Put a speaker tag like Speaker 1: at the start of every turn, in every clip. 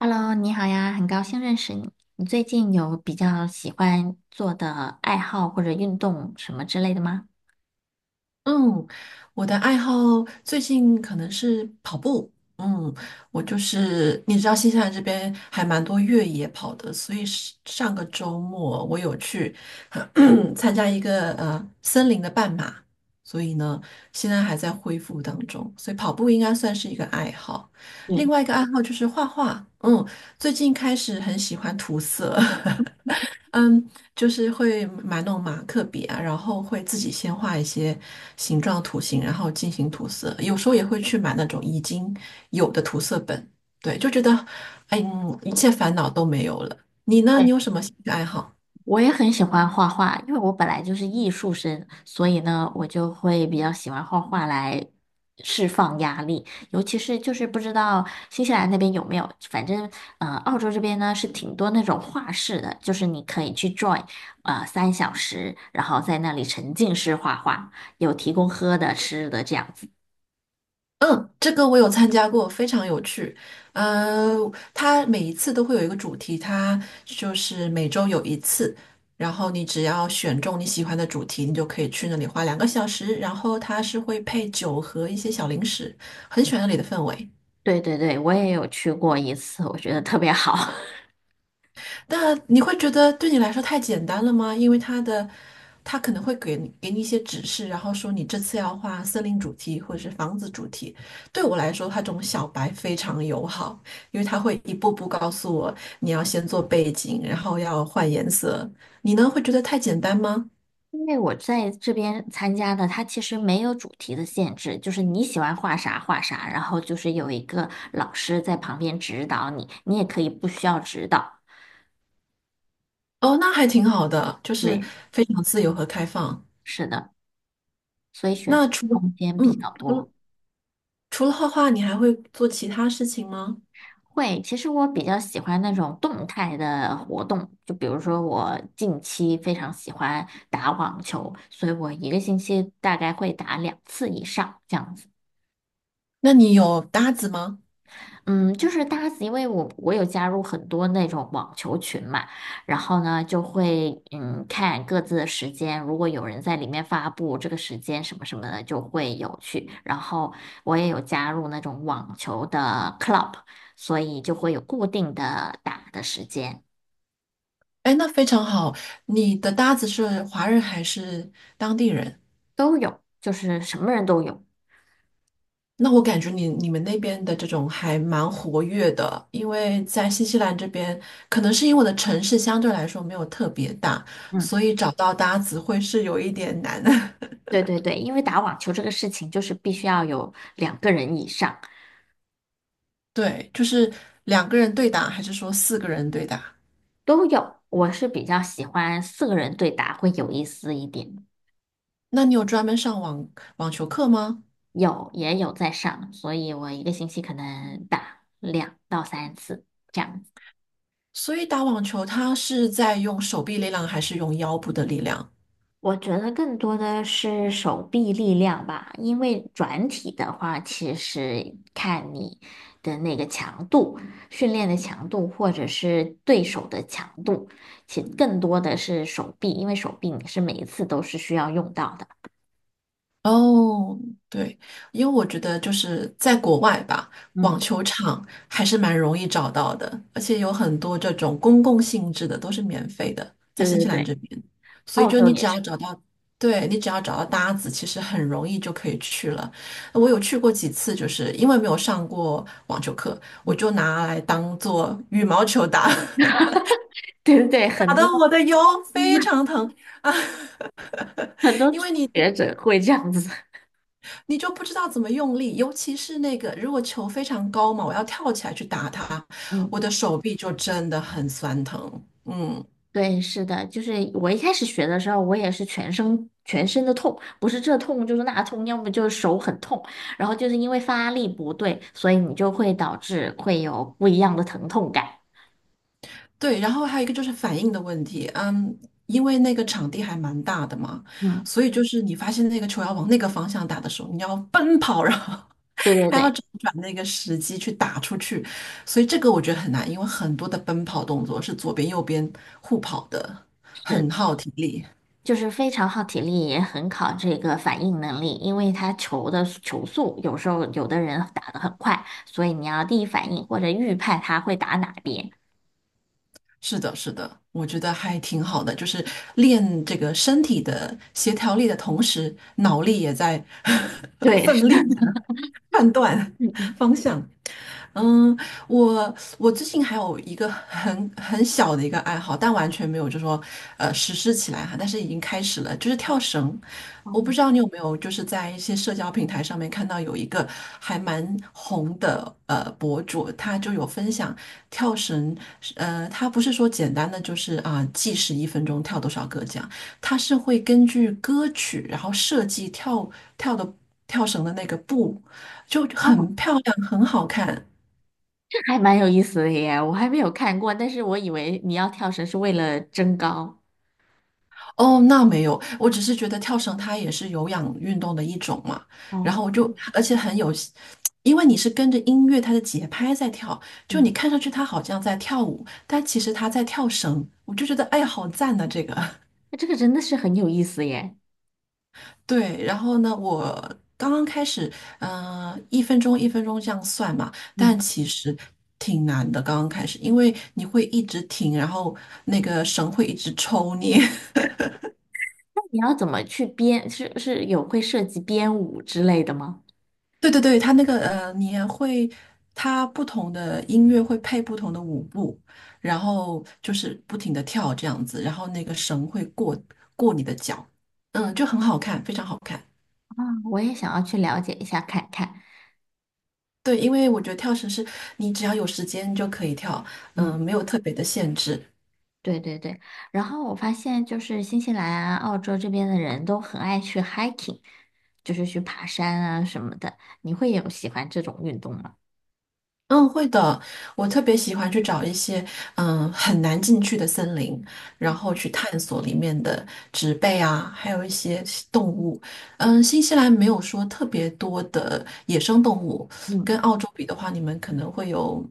Speaker 1: Hello，你好呀，很高兴认识你。你最近有比较喜欢做的爱好或者运动什么之类的吗？
Speaker 2: 嗯，我的爱好最近可能是跑步。嗯，我就是你知道新西兰这边还蛮多越野跑的，所以是上个周末我有去 参加一个森林的半马，所以呢现在还在恢复当中，所以跑步应该算是一个爱好。
Speaker 1: 对，
Speaker 2: 另外一个爱好就是画画，最近开始很喜欢涂色。嗯，就是会买那种马克笔啊，然后会自己先画一些形状图形，然后进行涂色。有时候也会去买那种已经有的涂色本，对，就觉得，哎一切烦恼都没有了。你呢？你
Speaker 1: 对，
Speaker 2: 有什么兴趣爱好？
Speaker 1: 我也很喜欢画画，因为我本来就是艺术生，所以呢，我就会比较喜欢画画来释放压力。尤其是就是不知道新西兰那边有没有，反正澳洲这边呢是挺多那种画室的，就是你可以去 join，3小时，然后在那里沉浸式画画，有提供喝的、吃的这样子。
Speaker 2: 嗯，这个我有参加过，非常有趣。呃，它每一次都会有一个主题，它就是每周有一次，然后你只要选中你喜欢的主题，你就可以去那里花2个小时，然后它是会配酒和一些小零食，很喜欢那里的氛围。
Speaker 1: 对对对，我也有去过一次，我觉得特别好。
Speaker 2: 那你会觉得对你来说太简单了吗？因为他可能会给你一些指示，然后说你这次要画森林主题或者是房子主题。对我来说，他这种小白非常友好，因为他会一步步告诉我你要先做背景，然后要换颜色。你呢，会觉得太简单吗？
Speaker 1: 因为我在这边参加的，它其实没有主题的限制，就是你喜欢画啥画啥，然后就是有一个老师在旁边指导你，你也可以不需要指导。
Speaker 2: 哦，那还挺好的，就是
Speaker 1: 对，
Speaker 2: 非常自由和开放。
Speaker 1: 是的，所以选
Speaker 2: 那
Speaker 1: 择
Speaker 2: 除了
Speaker 1: 空间比较
Speaker 2: 嗯，除了
Speaker 1: 多。
Speaker 2: 除了画画，你还会做其他事情吗？
Speaker 1: 会，其实我比较喜欢那种动态的活动，就比如说我近期非常喜欢打网球，所以我一个星期大概会打2次以上这样子。
Speaker 2: 那你有搭子吗？
Speaker 1: 嗯，就是搭子，因为我有加入很多那种网球群嘛，然后呢就会嗯看各自的时间，如果有人在里面发布这个时间什么什么的，就会有去。然后我也有加入那种网球的 club，所以就会有固定的打的时间，
Speaker 2: 哎，那非常好。你的搭子是华人还是当地人？
Speaker 1: 都有，就是什么人都有。
Speaker 2: 那我感觉你们那边的这种还蛮活跃的，因为在新西兰这边，可能是因为我的城市相对来说没有特别大，
Speaker 1: 嗯，
Speaker 2: 所以找到搭子会是有一点难。
Speaker 1: 对对对，因为打网球这个事情就是必须要有2个人以上
Speaker 2: 对，就是两个人对打，还是说四个人对打？
Speaker 1: 都有，我是比较喜欢4个人对打会有意思一点。
Speaker 2: 那你有专门上网球课吗？
Speaker 1: 有也有在上，所以我一个星期可能打2到3次这样子。
Speaker 2: 所以打网球，它是在用手臂力量还是用腰部的力量？
Speaker 1: 我觉得更多的是手臂力量吧，因为转体的话，其实看你的那个强度、训练的强度，或者是对手的强度，其实更多的是手臂，因为手臂你是每一次都是需要用到的。
Speaker 2: 哦，对，因为我觉得就是在国外吧，网
Speaker 1: 嗯，
Speaker 2: 球场还是蛮容易找到的，而且有很多这种公共性质的都是免费的，在
Speaker 1: 对
Speaker 2: 新
Speaker 1: 对
Speaker 2: 西兰
Speaker 1: 对，
Speaker 2: 这边，所以
Speaker 1: 澳
Speaker 2: 就
Speaker 1: 洲
Speaker 2: 你只
Speaker 1: 也是，
Speaker 2: 要找到，对，你只要找到搭子，其实很容易就可以去了。我有去过几次，就是因为没有上过网球课，
Speaker 1: 嗯，
Speaker 2: 我就拿来当做羽毛球打，
Speaker 1: 对对对，
Speaker 2: 打
Speaker 1: 很
Speaker 2: 得
Speaker 1: 多
Speaker 2: 我的腰非常 疼。啊，
Speaker 1: 很多
Speaker 2: 因为
Speaker 1: 初
Speaker 2: 你。
Speaker 1: 学者会这样子。
Speaker 2: 你就不知道怎么用力，尤其是那个如果球非常高嘛，我要跳起来去打它，我
Speaker 1: 嗯。
Speaker 2: 的手臂就真的很酸疼。嗯，
Speaker 1: 对，是的，就是我一开始学的时候，我也是全身的痛，不是这痛就是那痛，要么就是手很痛，然后就是因为发力不对，所以你就会导致会有不一样的疼痛感。
Speaker 2: 对，然后还有一个就是反应的问题，因为那个场地还蛮大的嘛，
Speaker 1: 嗯，
Speaker 2: 所以就是你发现那个球要往那个方向打的时候，你要奔跑，然后
Speaker 1: 对对
Speaker 2: 还要
Speaker 1: 对，
Speaker 2: 找准那个时机去打出去，所以这个我觉得很难，因为很多的奔跑动作是左边右边互跑的，很
Speaker 1: 是，
Speaker 2: 耗体力。
Speaker 1: 就是非常耗体力，也很考这个反应能力，因为它球的球速有时候有的人打得很快，所以你要第一反应或者预判他会打哪边。
Speaker 2: 是的，是的，我觉得还挺好的，就是练这个身体的协调力的同时，脑力也在
Speaker 1: 对，是
Speaker 2: 奋
Speaker 1: 的，
Speaker 2: 力判断
Speaker 1: 嗯嗯。
Speaker 2: 方向。嗯，我我最近还有一个很小的一个爱好，但完全没有就说实施起来哈，但是已经开始了，就是跳绳。我不知道你有没有就是在一些社交平台上面看到有一个还蛮红的博主，他就有分享跳绳，他不是说简单的就是啊、计时一分钟跳多少个这样，他是会根据歌曲然后设计跳的跳绳的那个步，就
Speaker 1: 哦，
Speaker 2: 很漂亮，很好看。
Speaker 1: 还蛮有意思的耶，我还没有看过，但是我以为你要跳绳是为了增高。
Speaker 2: 哦，那没有，我只是觉得跳绳它也是有氧运动的一种嘛，然后
Speaker 1: 哦，
Speaker 2: 我就，而且很有，因为你是跟着音乐它的节拍在跳，就你
Speaker 1: 嗯，
Speaker 2: 看上去它好像在跳舞，但其实它在跳绳，我就觉得哎呀，好赞呐、这个。
Speaker 1: 那这个真的是很有意思耶。
Speaker 2: 对，然后呢，我刚刚开始，一分钟一分钟这样算嘛，
Speaker 1: 嗯，
Speaker 2: 但其实挺难的，刚刚开始，因为你会一直停，然后那个绳会一直抽你。
Speaker 1: 那你要怎么去编？是有会涉及编舞之类的吗？
Speaker 2: 对对对，他那个你也会，他不同的音乐会配不同的舞步，然后就是不停的跳这样子，然后那个绳会过你的脚，就很好看，非常好看。
Speaker 1: 啊，我也想要去了解一下看看。
Speaker 2: 对，因为我觉得跳绳是你只要有时间就可以跳，
Speaker 1: 嗯，
Speaker 2: 没有特别的限制。
Speaker 1: 对对对。然后我发现就是新西兰啊、澳洲这边的人都很爱去 hiking，就是去爬山啊什么的。你会有喜欢这种运动吗？
Speaker 2: 嗯，会的。我特别喜欢去找一些很难进去的森林，然后去探索里面的植被啊，还有一些动物。新西兰没有说特别多的野生动物，
Speaker 1: 嗯，
Speaker 2: 跟澳洲比的话，你们可能会有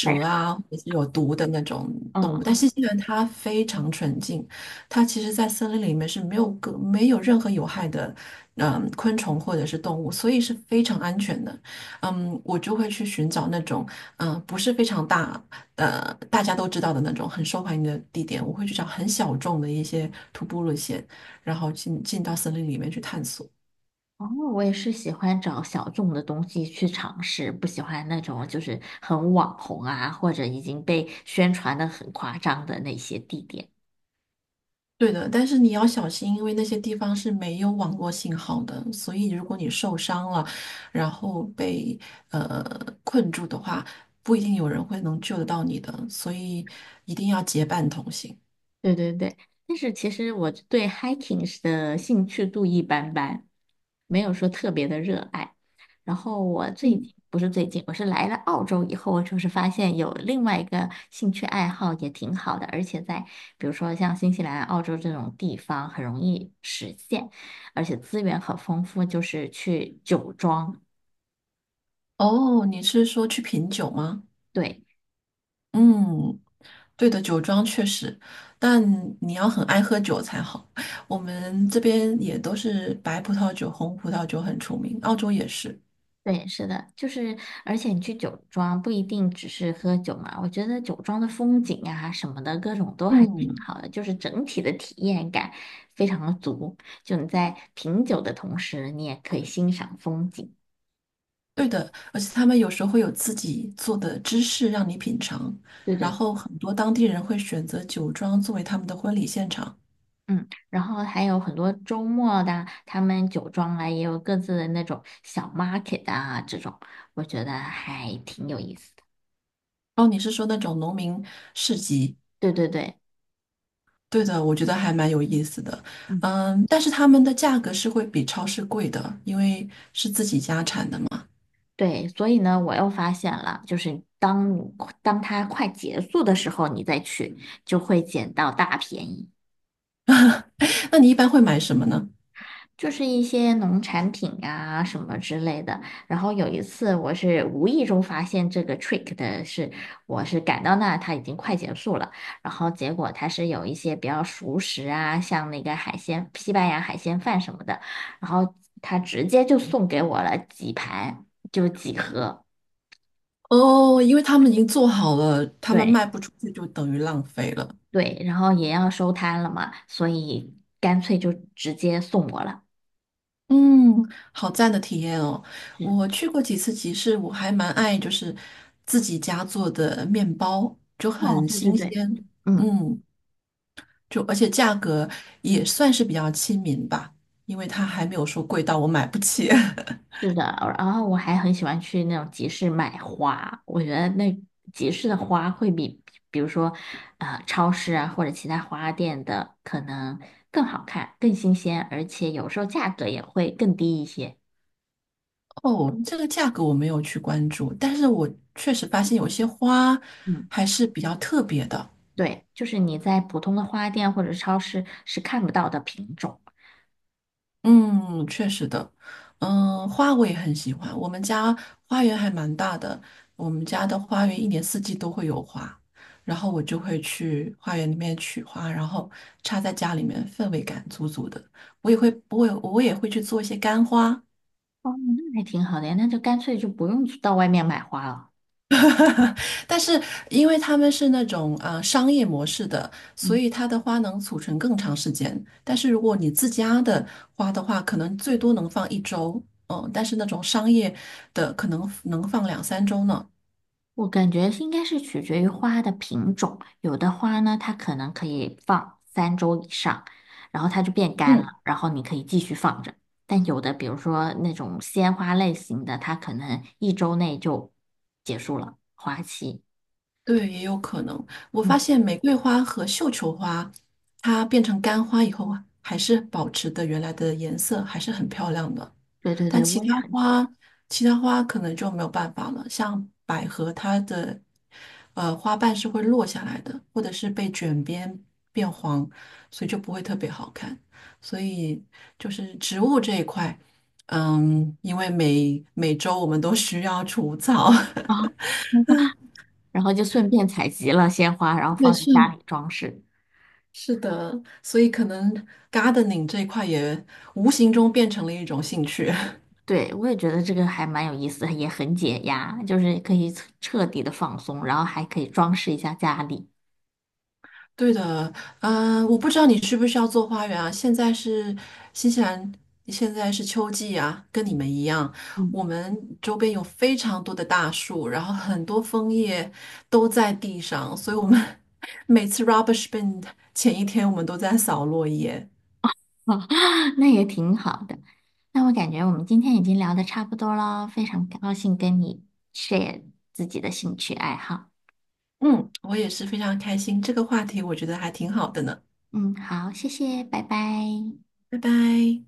Speaker 1: 来说。
Speaker 2: 啊，或者是有毒的那种动物。但新西兰它非常纯净，它其实在森林里面是没有任何有害的昆虫或者是动物，所以是非常安全的。我就会去寻找那种。不是非常大，大家都知道的那种很受欢迎的地点，我会去找很小众的一些徒步路线，然后进到森林里面去探索。
Speaker 1: 哦，我也是喜欢找小众的东西去尝试，不喜欢那种就是很网红啊，或者已经被宣传的很夸张的那些地点。
Speaker 2: 对的，但是你要小心，因为那些地方是没有网络信号的，所以如果你受伤了，然后被呃困住的话，不一定有人会能救得到你的，所以一定要结伴同行。
Speaker 1: 对对对，但是其实我对 hiking 是的兴趣度一般般，没有说特别的热爱。然后我最
Speaker 2: 嗯，
Speaker 1: 近不是最近，我是来了澳洲以后，我就是发现有另外一个兴趣爱好也挺好的，而且在比如说像新西兰、澳洲这种地方很容易实现，而且资源很丰富，就是去酒庄。
Speaker 2: 哦，你是说去品酒吗？
Speaker 1: 对。
Speaker 2: 嗯，对的，酒庄确实，但你要很爱喝酒才好。我们这边也都是白葡萄酒、红葡萄酒很出名，澳洲也是。
Speaker 1: 对，是的，就是，而且你去酒庄不一定只是喝酒嘛，我觉得酒庄的风景啊什么的，各种都还挺
Speaker 2: 嗯，
Speaker 1: 好的，就是整体的体验感非常的足。就你在品酒的同时，你也可以欣赏风景。
Speaker 2: 对的，而且他们有时候会有自己做的芝士让你品尝，
Speaker 1: 对
Speaker 2: 然
Speaker 1: 对
Speaker 2: 后很多当地人会选择酒庄作为他们的婚礼现场。
Speaker 1: 嗯，然后还有很多周末的，他们酒庄啊也有各自的那种小 market 啊，这种我觉得还挺有意思的。
Speaker 2: 哦，你是说那种农民市集？
Speaker 1: 对对对，
Speaker 2: 对的，我觉得还蛮有意思的。
Speaker 1: 嗯。
Speaker 2: 但是他们的价格是会比超市贵的，因为是自己家产的嘛。
Speaker 1: 对，所以呢，我又发现了，就是当它快结束的时候，你再去就会捡到大便宜，
Speaker 2: 那你一般会买什么呢？
Speaker 1: 就是一些农产品啊什么之类的。然后有一次，我是无意中发现这个 trick 的是，我是赶到那它已经快结束了，然后结果它是有一些比较熟食啊，像那个海鲜，西班牙海鲜饭什么的，然后他直接就送给我了几盘，就几盒。
Speaker 2: 哦，因为他们已经做好了，他们
Speaker 1: 对，
Speaker 2: 卖不出去就等于浪费了。
Speaker 1: 对，然后也要收摊了嘛，所以干脆就直接送我了。
Speaker 2: 嗯，好赞的体验哦！
Speaker 1: 嗯，
Speaker 2: 我去过几次集市，我还蛮爱就是自己家做的面包，就
Speaker 1: 哦，
Speaker 2: 很
Speaker 1: 对对
Speaker 2: 新
Speaker 1: 对，
Speaker 2: 鲜。
Speaker 1: 嗯，
Speaker 2: 嗯，就而且价格也算是比较亲民吧，因为它还没有说贵到我买不起。
Speaker 1: 是的，然后我还很喜欢去那种集市买花，我觉得那集市的花会比，比如说，超市啊或者其他花店的可能更好看、更新鲜，而且有时候价格也会更低一些。
Speaker 2: 哦，这个价格我没有去关注，但是我确实发现有些花
Speaker 1: 嗯，
Speaker 2: 还是比较特别的。
Speaker 1: 对，就是你在普通的花店或者超市是看不到的品种。
Speaker 2: 嗯，确实的，花我也很喜欢。我们家花园还蛮大的，我们家的花园一年四季都会有花，然后我就会去花园里面取花，然后插在家里面，氛围感足足的。我也会去做一些干花，
Speaker 1: 哦，那还挺好的呀，那就干脆就不用去到外面买花了。
Speaker 2: 但是因为他们是那种商业模式的，所
Speaker 1: 嗯，
Speaker 2: 以它的花能储存更长时间。但是如果你自家的花的话，可能最多能放1周，但是那种商业的可能能放两三周呢。
Speaker 1: 我感觉应该是取决于花的品种，有的花呢，它可能可以放3周以上，然后它就变干
Speaker 2: 嗯，
Speaker 1: 了，然后你可以继续放着。但有的，比如说那种鲜花类型的，它可能1周内就结束了花期。
Speaker 2: 对，也有可能。我发
Speaker 1: 嗯，
Speaker 2: 现玫瑰花和绣球花，它变成干花以后啊，还是保持的原来的颜色，还是很漂亮的。
Speaker 1: 对对
Speaker 2: 但
Speaker 1: 对，
Speaker 2: 其
Speaker 1: 我也
Speaker 2: 他
Speaker 1: 很喜
Speaker 2: 花，其他花可能就没有办法了。像百合，它的花瓣是会落下来的，或者是被卷边变黄，所以就不会特别好看。所以就是植物这一块，因为每周我们都需要除草，
Speaker 1: 欢。然后就顺便采集了鲜花，然后
Speaker 2: 对，
Speaker 1: 放在家
Speaker 2: 是
Speaker 1: 里装饰。
Speaker 2: 是的，所以可能 gardening 这一块也无形中变成了一种兴趣。
Speaker 1: 对，我也觉得这个还蛮有意思的也很解压，就是可以彻彻底的放松，然后还可以装饰一下家里，
Speaker 2: 对的，我不知道你需不需要做花园啊。新西兰，现在是秋季啊，跟你们一样，
Speaker 1: 嗯，
Speaker 2: 我们周边有非常多的大树，然后很多枫叶都在地上，所以我们 每次 rubbish bin 前一天，我们都在扫落叶。
Speaker 1: 那也挺好的。那我感觉我们今天已经聊的差不多了，非常高兴跟你 share 自己的兴趣爱好。
Speaker 2: 嗯，我也是非常开心，这个话题我觉得还挺好的呢。
Speaker 1: 嗯，好，谢谢，拜拜。
Speaker 2: 拜拜。